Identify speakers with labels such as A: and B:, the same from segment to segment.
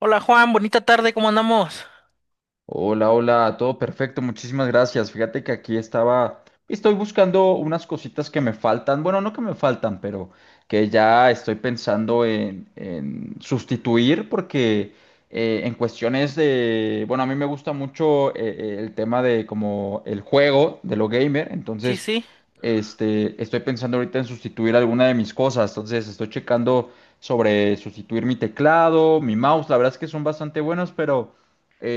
A: Hola Juan, bonita tarde, ¿cómo andamos?
B: Hola, hola, todo perfecto, muchísimas gracias. Fíjate que aquí estaba, estoy buscando unas cositas que me faltan, bueno, no que me faltan, pero que ya estoy pensando en sustituir porque en cuestiones de, bueno, a mí me gusta mucho el tema de como el juego, de lo gamer,
A: Sí,
B: entonces.
A: sí,
B: Este, estoy pensando ahorita en sustituir alguna de mis cosas, entonces estoy checando sobre sustituir mi teclado, mi mouse, la verdad es que son bastante buenos, pero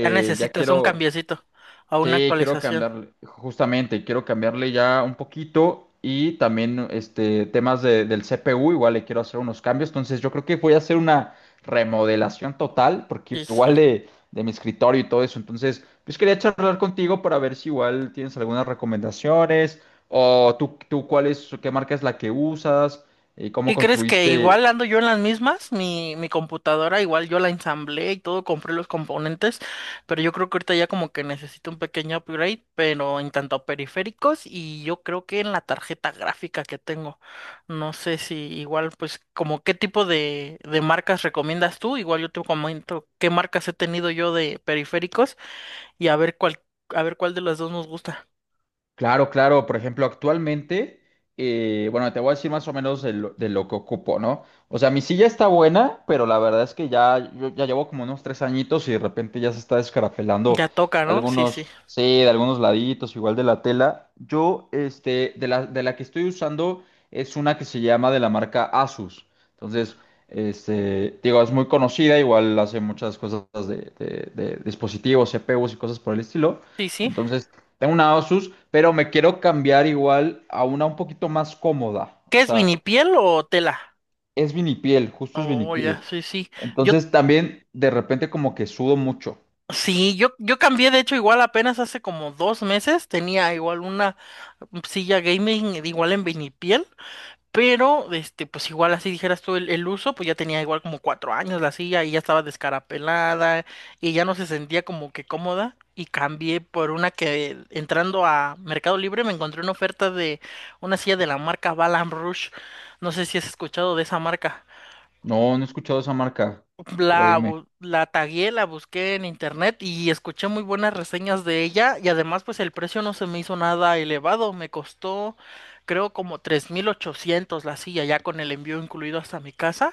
A: ya
B: ya
A: necesitas un
B: quiero,
A: cambiecito a una
B: sí, quiero
A: actualización.
B: cambiarle, justamente, quiero cambiarle ya un poquito y también este, temas del CPU, igual le quiero hacer unos cambios, entonces yo creo que voy a hacer una remodelación total,
A: Sí,
B: porque
A: sí.
B: igual de mi escritorio y todo eso, entonces, pues quería charlar contigo para ver si igual tienes algunas recomendaciones o tú cuál es, qué marca es la que usas y cómo
A: ¿Qué crees que
B: construiste.
A: igual ando yo en las mismas? Mi computadora igual yo la ensamblé y todo, compré los componentes, pero yo creo que ahorita ya como que necesito un pequeño upgrade, pero en tanto a periféricos y yo creo que en la tarjeta gráfica que tengo. No sé si igual pues como qué tipo de marcas recomiendas tú, igual yo te comento qué marcas he tenido yo de periféricos. Y a ver cuál de las dos nos gusta.
B: Claro, claro. Por ejemplo, actualmente, bueno, te voy a decir más o menos de lo que ocupo, ¿no? O sea, mi silla está buena, pero la verdad es que ya, yo ya llevo como unos 3 añitos y de repente ya se está
A: Ya
B: descarafelando
A: toca, ¿no? Sí, sí.
B: algunos, sí, de algunos laditos, igual de la tela. Yo, este, de la que estoy usando es una que se llama de la marca Asus. Entonces, este, digo, es muy conocida, igual hace muchas cosas de dispositivos, CPUs y cosas por el estilo.
A: Sí, sí.
B: Entonces, tengo una Asus, pero me quiero cambiar igual a una un poquito más cómoda.
A: ¿Qué
B: O
A: es
B: sea,
A: vinipiel o tela?
B: es vinipiel, justo es
A: Oh, ya,
B: vinipiel.
A: sí, sí. Yo,
B: Entonces también de repente como que sudo mucho.
A: sí, yo cambié, de hecho, igual apenas hace como 2 meses, tenía igual una silla gaming igual en vinipiel. Pero, este, pues igual así dijeras tú el uso, pues ya tenía igual como cuatro años la silla y ya estaba descarapelada y ya no se sentía como que cómoda y cambié por una que entrando a Mercado Libre me encontré una oferta de una silla de la marca Balam Rouge. No sé si has escuchado de esa marca.
B: No, no he escuchado esa marca, pero
A: La,
B: dime.
A: bu- la tagué, la busqué en internet y escuché muy buenas reseñas de ella y además pues el precio no se me hizo nada elevado, me costó creo como 3,800 la silla ya con el envío incluido hasta mi casa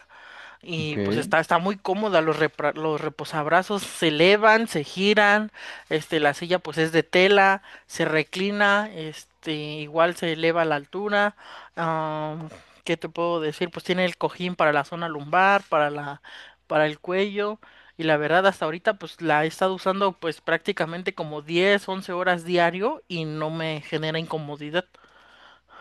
B: Ok.
A: y pues está muy cómoda, los, repra- los reposabrazos se elevan, se giran, este, la silla pues es de tela, se reclina, este, igual se eleva a la altura. Ah, ¿qué te puedo decir? Pues tiene el cojín para la zona lumbar, para la, para el cuello. Y la verdad, hasta ahorita pues la he estado usando pues prácticamente como 10 11 horas diario y no me genera incomodidad.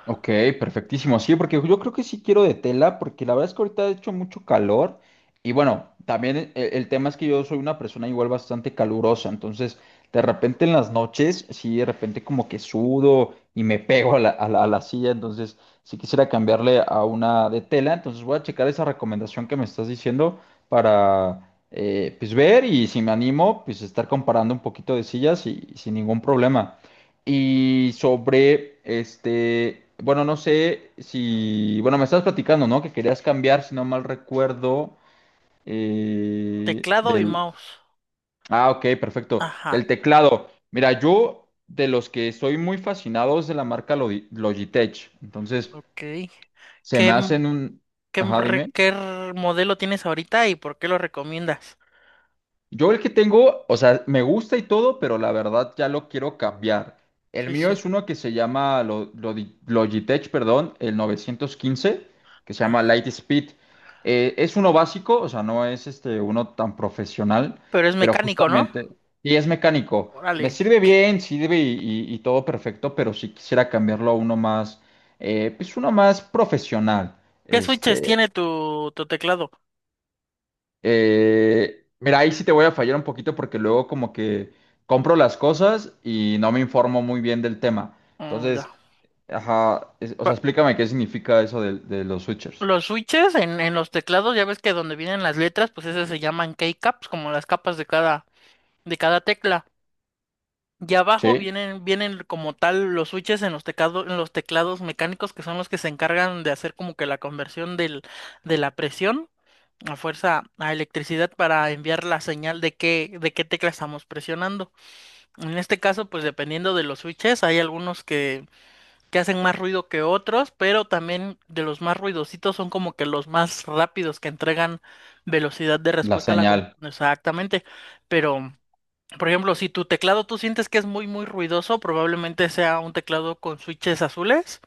B: Ok, perfectísimo. Sí, porque yo creo que sí quiero de tela, porque la verdad es que ahorita ha hecho mucho calor. Y bueno, también el tema es que yo soy una persona igual bastante calurosa. Entonces, de repente en las noches, sí, de repente como que sudo y me pego a la silla. Entonces, sí quisiera cambiarle a una de tela. Entonces, voy a checar esa recomendación que me estás diciendo para, pues, ver y si me animo, pues, estar comparando un poquito de sillas y sin ningún problema. Y sobre este, bueno, no sé si, bueno, me estabas platicando, ¿no? Que querías cambiar, si no mal recuerdo, eh,
A: Teclado y
B: del,
A: mouse.
B: ah, ok, perfecto,
A: Ajá,
B: del teclado. Mira, yo de los que estoy muy fascinados de la marca Logitech, entonces
A: ok.
B: se me
A: ¿Qué?
B: hacen
A: ¿Qué,
B: ajá, dime.
A: re- qué r- modelo tienes ahorita y por qué lo recomiendas?
B: Yo el que tengo, o sea, me gusta y todo, pero la verdad ya lo quiero cambiar. El
A: Sí,
B: mío
A: sí.
B: es uno que se llama Logitech, perdón, el 915, que se llama
A: Ah,
B: Lightspeed. Es uno básico, o sea, no es este uno tan profesional,
A: pero es
B: pero
A: mecánico, ¿no?
B: justamente, y es mecánico.
A: Órale.
B: Me sirve bien, sirve y todo perfecto, pero si quisiera cambiarlo a uno más, pues uno más profesional.
A: ¿Qué switches
B: este.
A: tiene tu teclado?
B: Mira, ahí sí te voy a fallar un poquito porque luego como que compro las cosas y no me informo muy bien del tema.
A: Mm, ya.
B: Entonces, ajá, es- o sea, explícame qué significa eso de los switchers.
A: Los switches en los teclados, ya ves que donde vienen las letras, pues esas se llaman keycaps, como las capas de cada tecla. Y abajo
B: Sí,
A: vienen, vienen como tal los switches en los teclado- en los teclados mecánicos que son los que se encargan de hacer como que la conversión del, de la presión a fuerza a electricidad para enviar la señal de qué tecla estamos presionando. En este caso, pues dependiendo de los switches, hay algunos que hacen más ruido que otros, pero también de los más ruidositos son como que los más rápidos que entregan velocidad de
B: la
A: respuesta a la... com-
B: señal.
A: Exactamente, pero... Por ejemplo, si tu teclado tú sientes que es muy, muy ruidoso, probablemente sea un teclado con switches azules,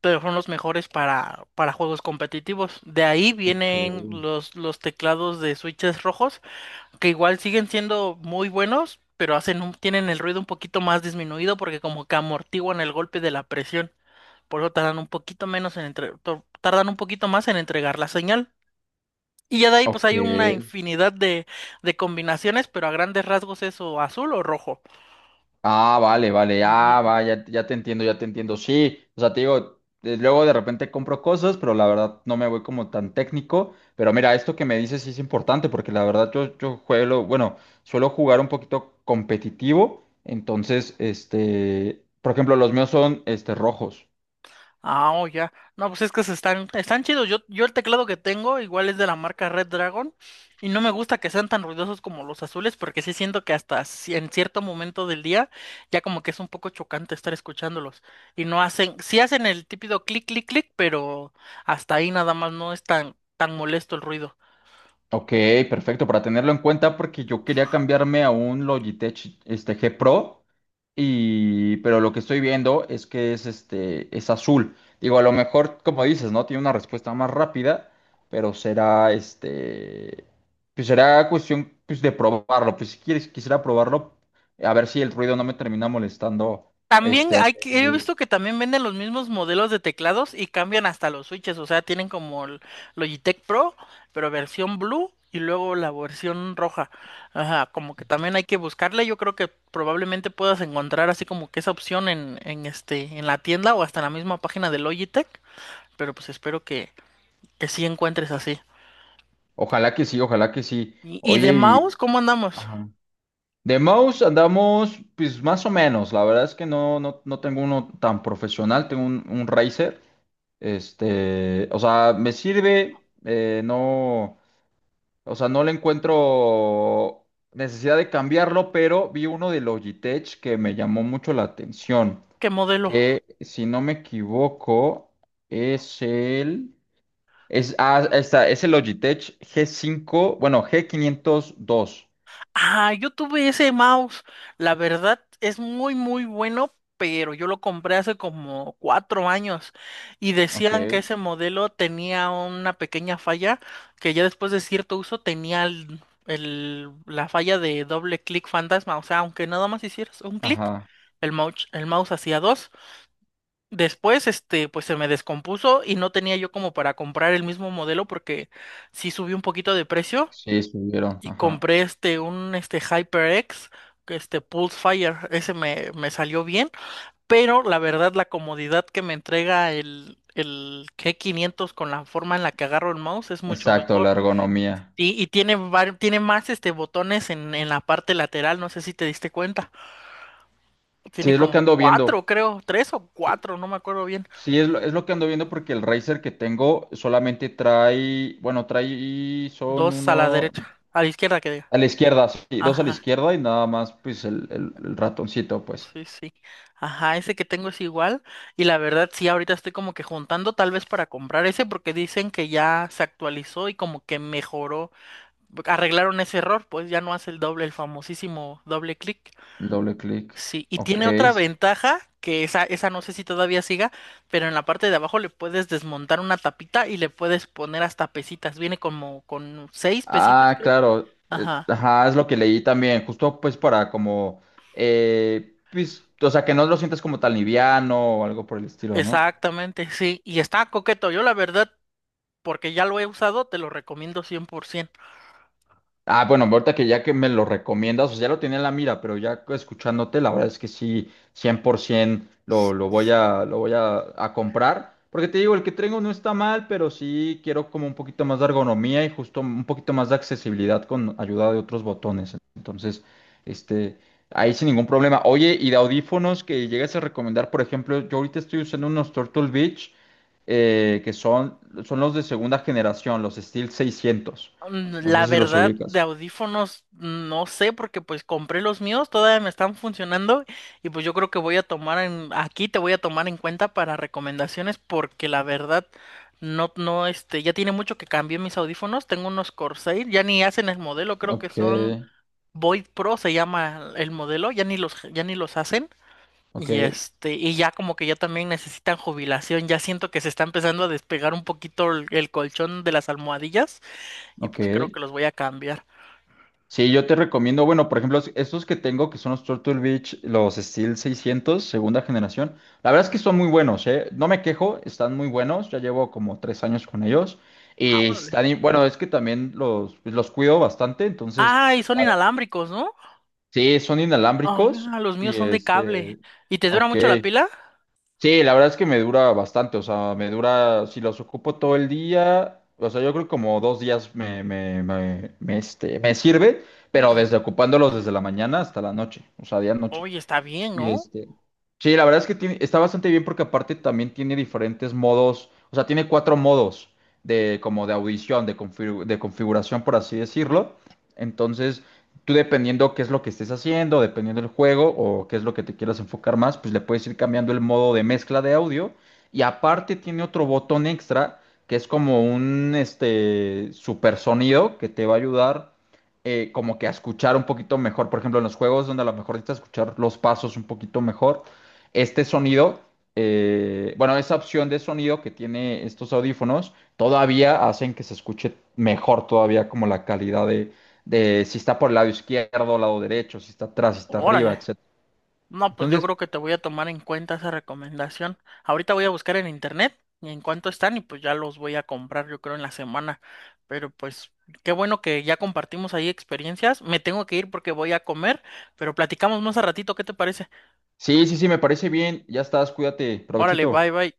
A: pero son los mejores para juegos competitivos. De ahí
B: Ok,
A: vienen los teclados de switches rojos, que igual siguen siendo muy buenos, pero hacen un- tienen el ruido un poquito más disminuido porque como que amortiguan el golpe de la presión. Por eso tardan un poquito menos en entre- tor- tardan un poquito más en entregar la señal. Y ya de ahí
B: ok,
A: pues
B: ok.
A: hay una infinidad de combinaciones, pero a grandes rasgos es o azul o rojo.
B: Ah, vale, vale, ah,
A: Ujú.
B: va, ya, ya te entiendo, ya te entiendo. Sí, o sea, te digo, luego de repente compro cosas, pero la verdad no me voy como tan técnico. Pero mira, esto que me dices sí es importante, porque la verdad yo juego, bueno, suelo jugar un poquito competitivo. Entonces, este, por ejemplo, los míos son este rojos.
A: Ah, oh, ya. No, pues es que se están, están chidos. Yo el teclado que tengo igual es de la marca Red Dragon y no me gusta que sean tan ruidosos como los azules porque sí siento que hasta ci- en cierto momento del día ya como que es un poco chocante estar escuchándolos y no hacen, sí hacen el típido clic, clic, clic, pero hasta ahí nada más no es tan, tan molesto el ruido.
B: Ok, perfecto, para tenerlo en cuenta porque yo quería cambiarme a un Logitech G Pro, y, pero lo que estoy viendo es que es, este, es azul. Digo, a lo mejor, como dices, ¿no? Tiene una respuesta más rápida, pero será, este, pues será cuestión pues, de probarlo. Pues si quieres, quisiera probarlo, a ver si el ruido no me termina molestando.
A: También
B: Este,
A: hay que, he visto que también venden los mismos modelos de teclados y cambian hasta los switches, o sea, tienen como el Logitech Pro, pero versión blue y luego la versión roja. Ajá, como que también hay que buscarla. Yo creo que probablemente puedas encontrar así como que esa opción en este, en la tienda o hasta en la misma página de Logitech, pero pues espero que sí encuentres así.
B: ojalá que sí, ojalá que sí.
A: Y de
B: Oye,
A: mouse, ¿cómo andamos?
B: ajá. De mouse andamos pues más o menos, la verdad es que no tengo uno tan profesional, tengo un Razer, o sea, me sirve, no, o sea, no le encuentro necesidad de cambiarlo, pero vi uno de Logitech que me llamó mucho la atención,
A: ¿Qué modelo?
B: que si no me equivoco es el, es, ah, está, es el Logitech g cinco bueno, G502.
A: Ah, yo tuve ese mouse. La verdad es muy, muy bueno, pero yo lo compré hace como 4 años y
B: Ok,
A: decían que ese modelo tenía una pequeña falla que ya después de cierto uso tenía el- la falla de doble clic fantasma. O sea, aunque nada más hicieras un clic,
B: ajá,
A: el mouse hacía dos. Después, este, pues se me descompuso y no tenía yo como para comprar el mismo modelo porque sí subió un poquito de precio
B: sí, subieron,
A: y
B: ajá.
A: compré este un este HyperX, que este Pulse Fire, ese me, me salió bien, pero la verdad la comodidad que me entrega el G500 con la forma en la que agarro el mouse es mucho
B: Exacto,
A: mejor.
B: la ergonomía.
A: Y tiene, var- tiene más este botones en la parte lateral, no sé si te diste cuenta.
B: Sí,
A: Tiene
B: es lo que
A: como
B: ando
A: cuatro,
B: viendo.
A: creo, tres o
B: Sí.
A: cuatro, no me acuerdo bien.
B: Sí, es lo que ando viendo porque el Razer que tengo solamente trae, bueno, trae, son
A: Dos a la
B: uno
A: derecha, a la izquierda que diga.
B: a la izquierda, sí, dos a la
A: Ajá.
B: izquierda y nada más, pues el, el ratoncito, pues,
A: Sí, sí. Ajá, ese que tengo es igual. Y la verdad, sí, ahorita estoy como que juntando tal vez para comprar ese porque dicen que ya se actualizó y como que mejoró. Arreglaron ese error, pues ya no hace el doble, el famosísimo doble clic.
B: el doble clic.
A: Sí, y
B: Ok.
A: tiene otra ventaja que esa no sé si todavía siga, pero en la parte de abajo le puedes desmontar una tapita y le puedes poner hasta pesitas. Viene como con seis pesitas,
B: Ah,
A: creo.
B: claro.
A: Ajá.
B: Ajá, es lo que leí también, justo pues para como, pues, o sea, que no lo sientas como tan liviano o algo por el estilo, ¿no?
A: Exactamente, sí, y está coqueto. Yo la verdad porque ya lo he usado, te lo recomiendo 100%.
B: Ah, bueno, ahorita que ya que me lo recomiendas, o sea, ya lo tenía en la mira, pero ya escuchándote, la verdad es que sí, 100% lo voy a comprar. Porque te digo, el que tengo no está mal, pero sí quiero como un poquito más de ergonomía y justo un poquito más de accesibilidad con ayuda de otros botones. Entonces, este, ahí sin ningún problema. Oye, y de audífonos que llegues a recomendar, por ejemplo, yo ahorita estoy usando unos Turtle Beach, que son, son los de segunda generación, los Steel 600.
A: Mm,
B: No sé
A: la
B: si los
A: verdad, de
B: ubicas.
A: audífonos, no sé, porque pues compré los míos, todavía me están funcionando y pues yo creo que voy a tomar en, aquí te voy a tomar en cuenta para recomendaciones porque la verdad, no, no, este, ya tiene mucho que cambié mis audífonos, tengo unos Corsair, ya ni hacen el modelo, creo que
B: Ok,
A: son Void Pro se llama el modelo, ya ni los hacen.
B: ok,
A: Y este, y ya como que ya también necesitan jubilación, ya siento que se está empezando a despegar un poquito el colchón de las almohadillas y
B: ok.
A: pues creo que los voy a cambiar.
B: Sí, yo te recomiendo, bueno, por ejemplo, estos que tengo, que son los Turtle Beach, los Steel seiscientos, segunda generación. La verdad es que son muy buenos, ¿eh? No me quejo, están muy buenos. Ya llevo como 3 años con ellos.
A: Ah,
B: Y
A: órale.
B: están, bueno, es que también los, pues, los cuido bastante, entonces,
A: Ah, y son
B: a ver,
A: inalámbricos, ¿no?
B: sí, son inalámbricos.
A: Ah, los míos
B: Y
A: son de cable.
B: este,
A: ¿Y te dura
B: ok.
A: mucho la pila?
B: Sí, la verdad es que me dura bastante, o sea, me dura, si los ocupo todo el día, o sea, yo creo que como 2 días me sirve, pero
A: Órale.
B: desde ocupándolos desde la mañana hasta la noche, o sea, día noche.
A: Oye, está bien,
B: Y
A: ¿no?
B: este, sí, la verdad es que tiene, está bastante bien porque aparte también tiene diferentes modos, o sea, tiene cuatro modos de como de audición, de, de configuración, por así decirlo. Entonces, tú dependiendo qué es lo que estés haciendo, dependiendo del juego o qué es lo que te quieras enfocar más, pues le puedes ir cambiando el modo de mezcla de audio. Y aparte tiene otro botón extra que es como un este super sonido que te va a ayudar como que a escuchar un poquito mejor. Por ejemplo, en los juegos donde a lo mejor necesitas escuchar los pasos un poquito mejor, este sonido, bueno, esa opción de sonido que tiene estos audífonos, todavía hacen que se escuche mejor todavía como la calidad de si está por el lado izquierdo, lado derecho, si está atrás, si está arriba,
A: Órale.
B: etc.
A: No, pues yo
B: Entonces,
A: creo que te voy a tomar en cuenta esa recomendación. Ahorita voy a buscar en internet y en cuánto están y pues ya los voy a comprar yo creo en la semana. Pero pues qué bueno que ya compartimos ahí experiencias. Me tengo que ir porque voy a comer, pero platicamos más a ratito, ¿qué te parece?
B: sí, sí, sí, me parece bien. Ya estás, cuídate,
A: Órale, bye
B: provechito.
A: bye.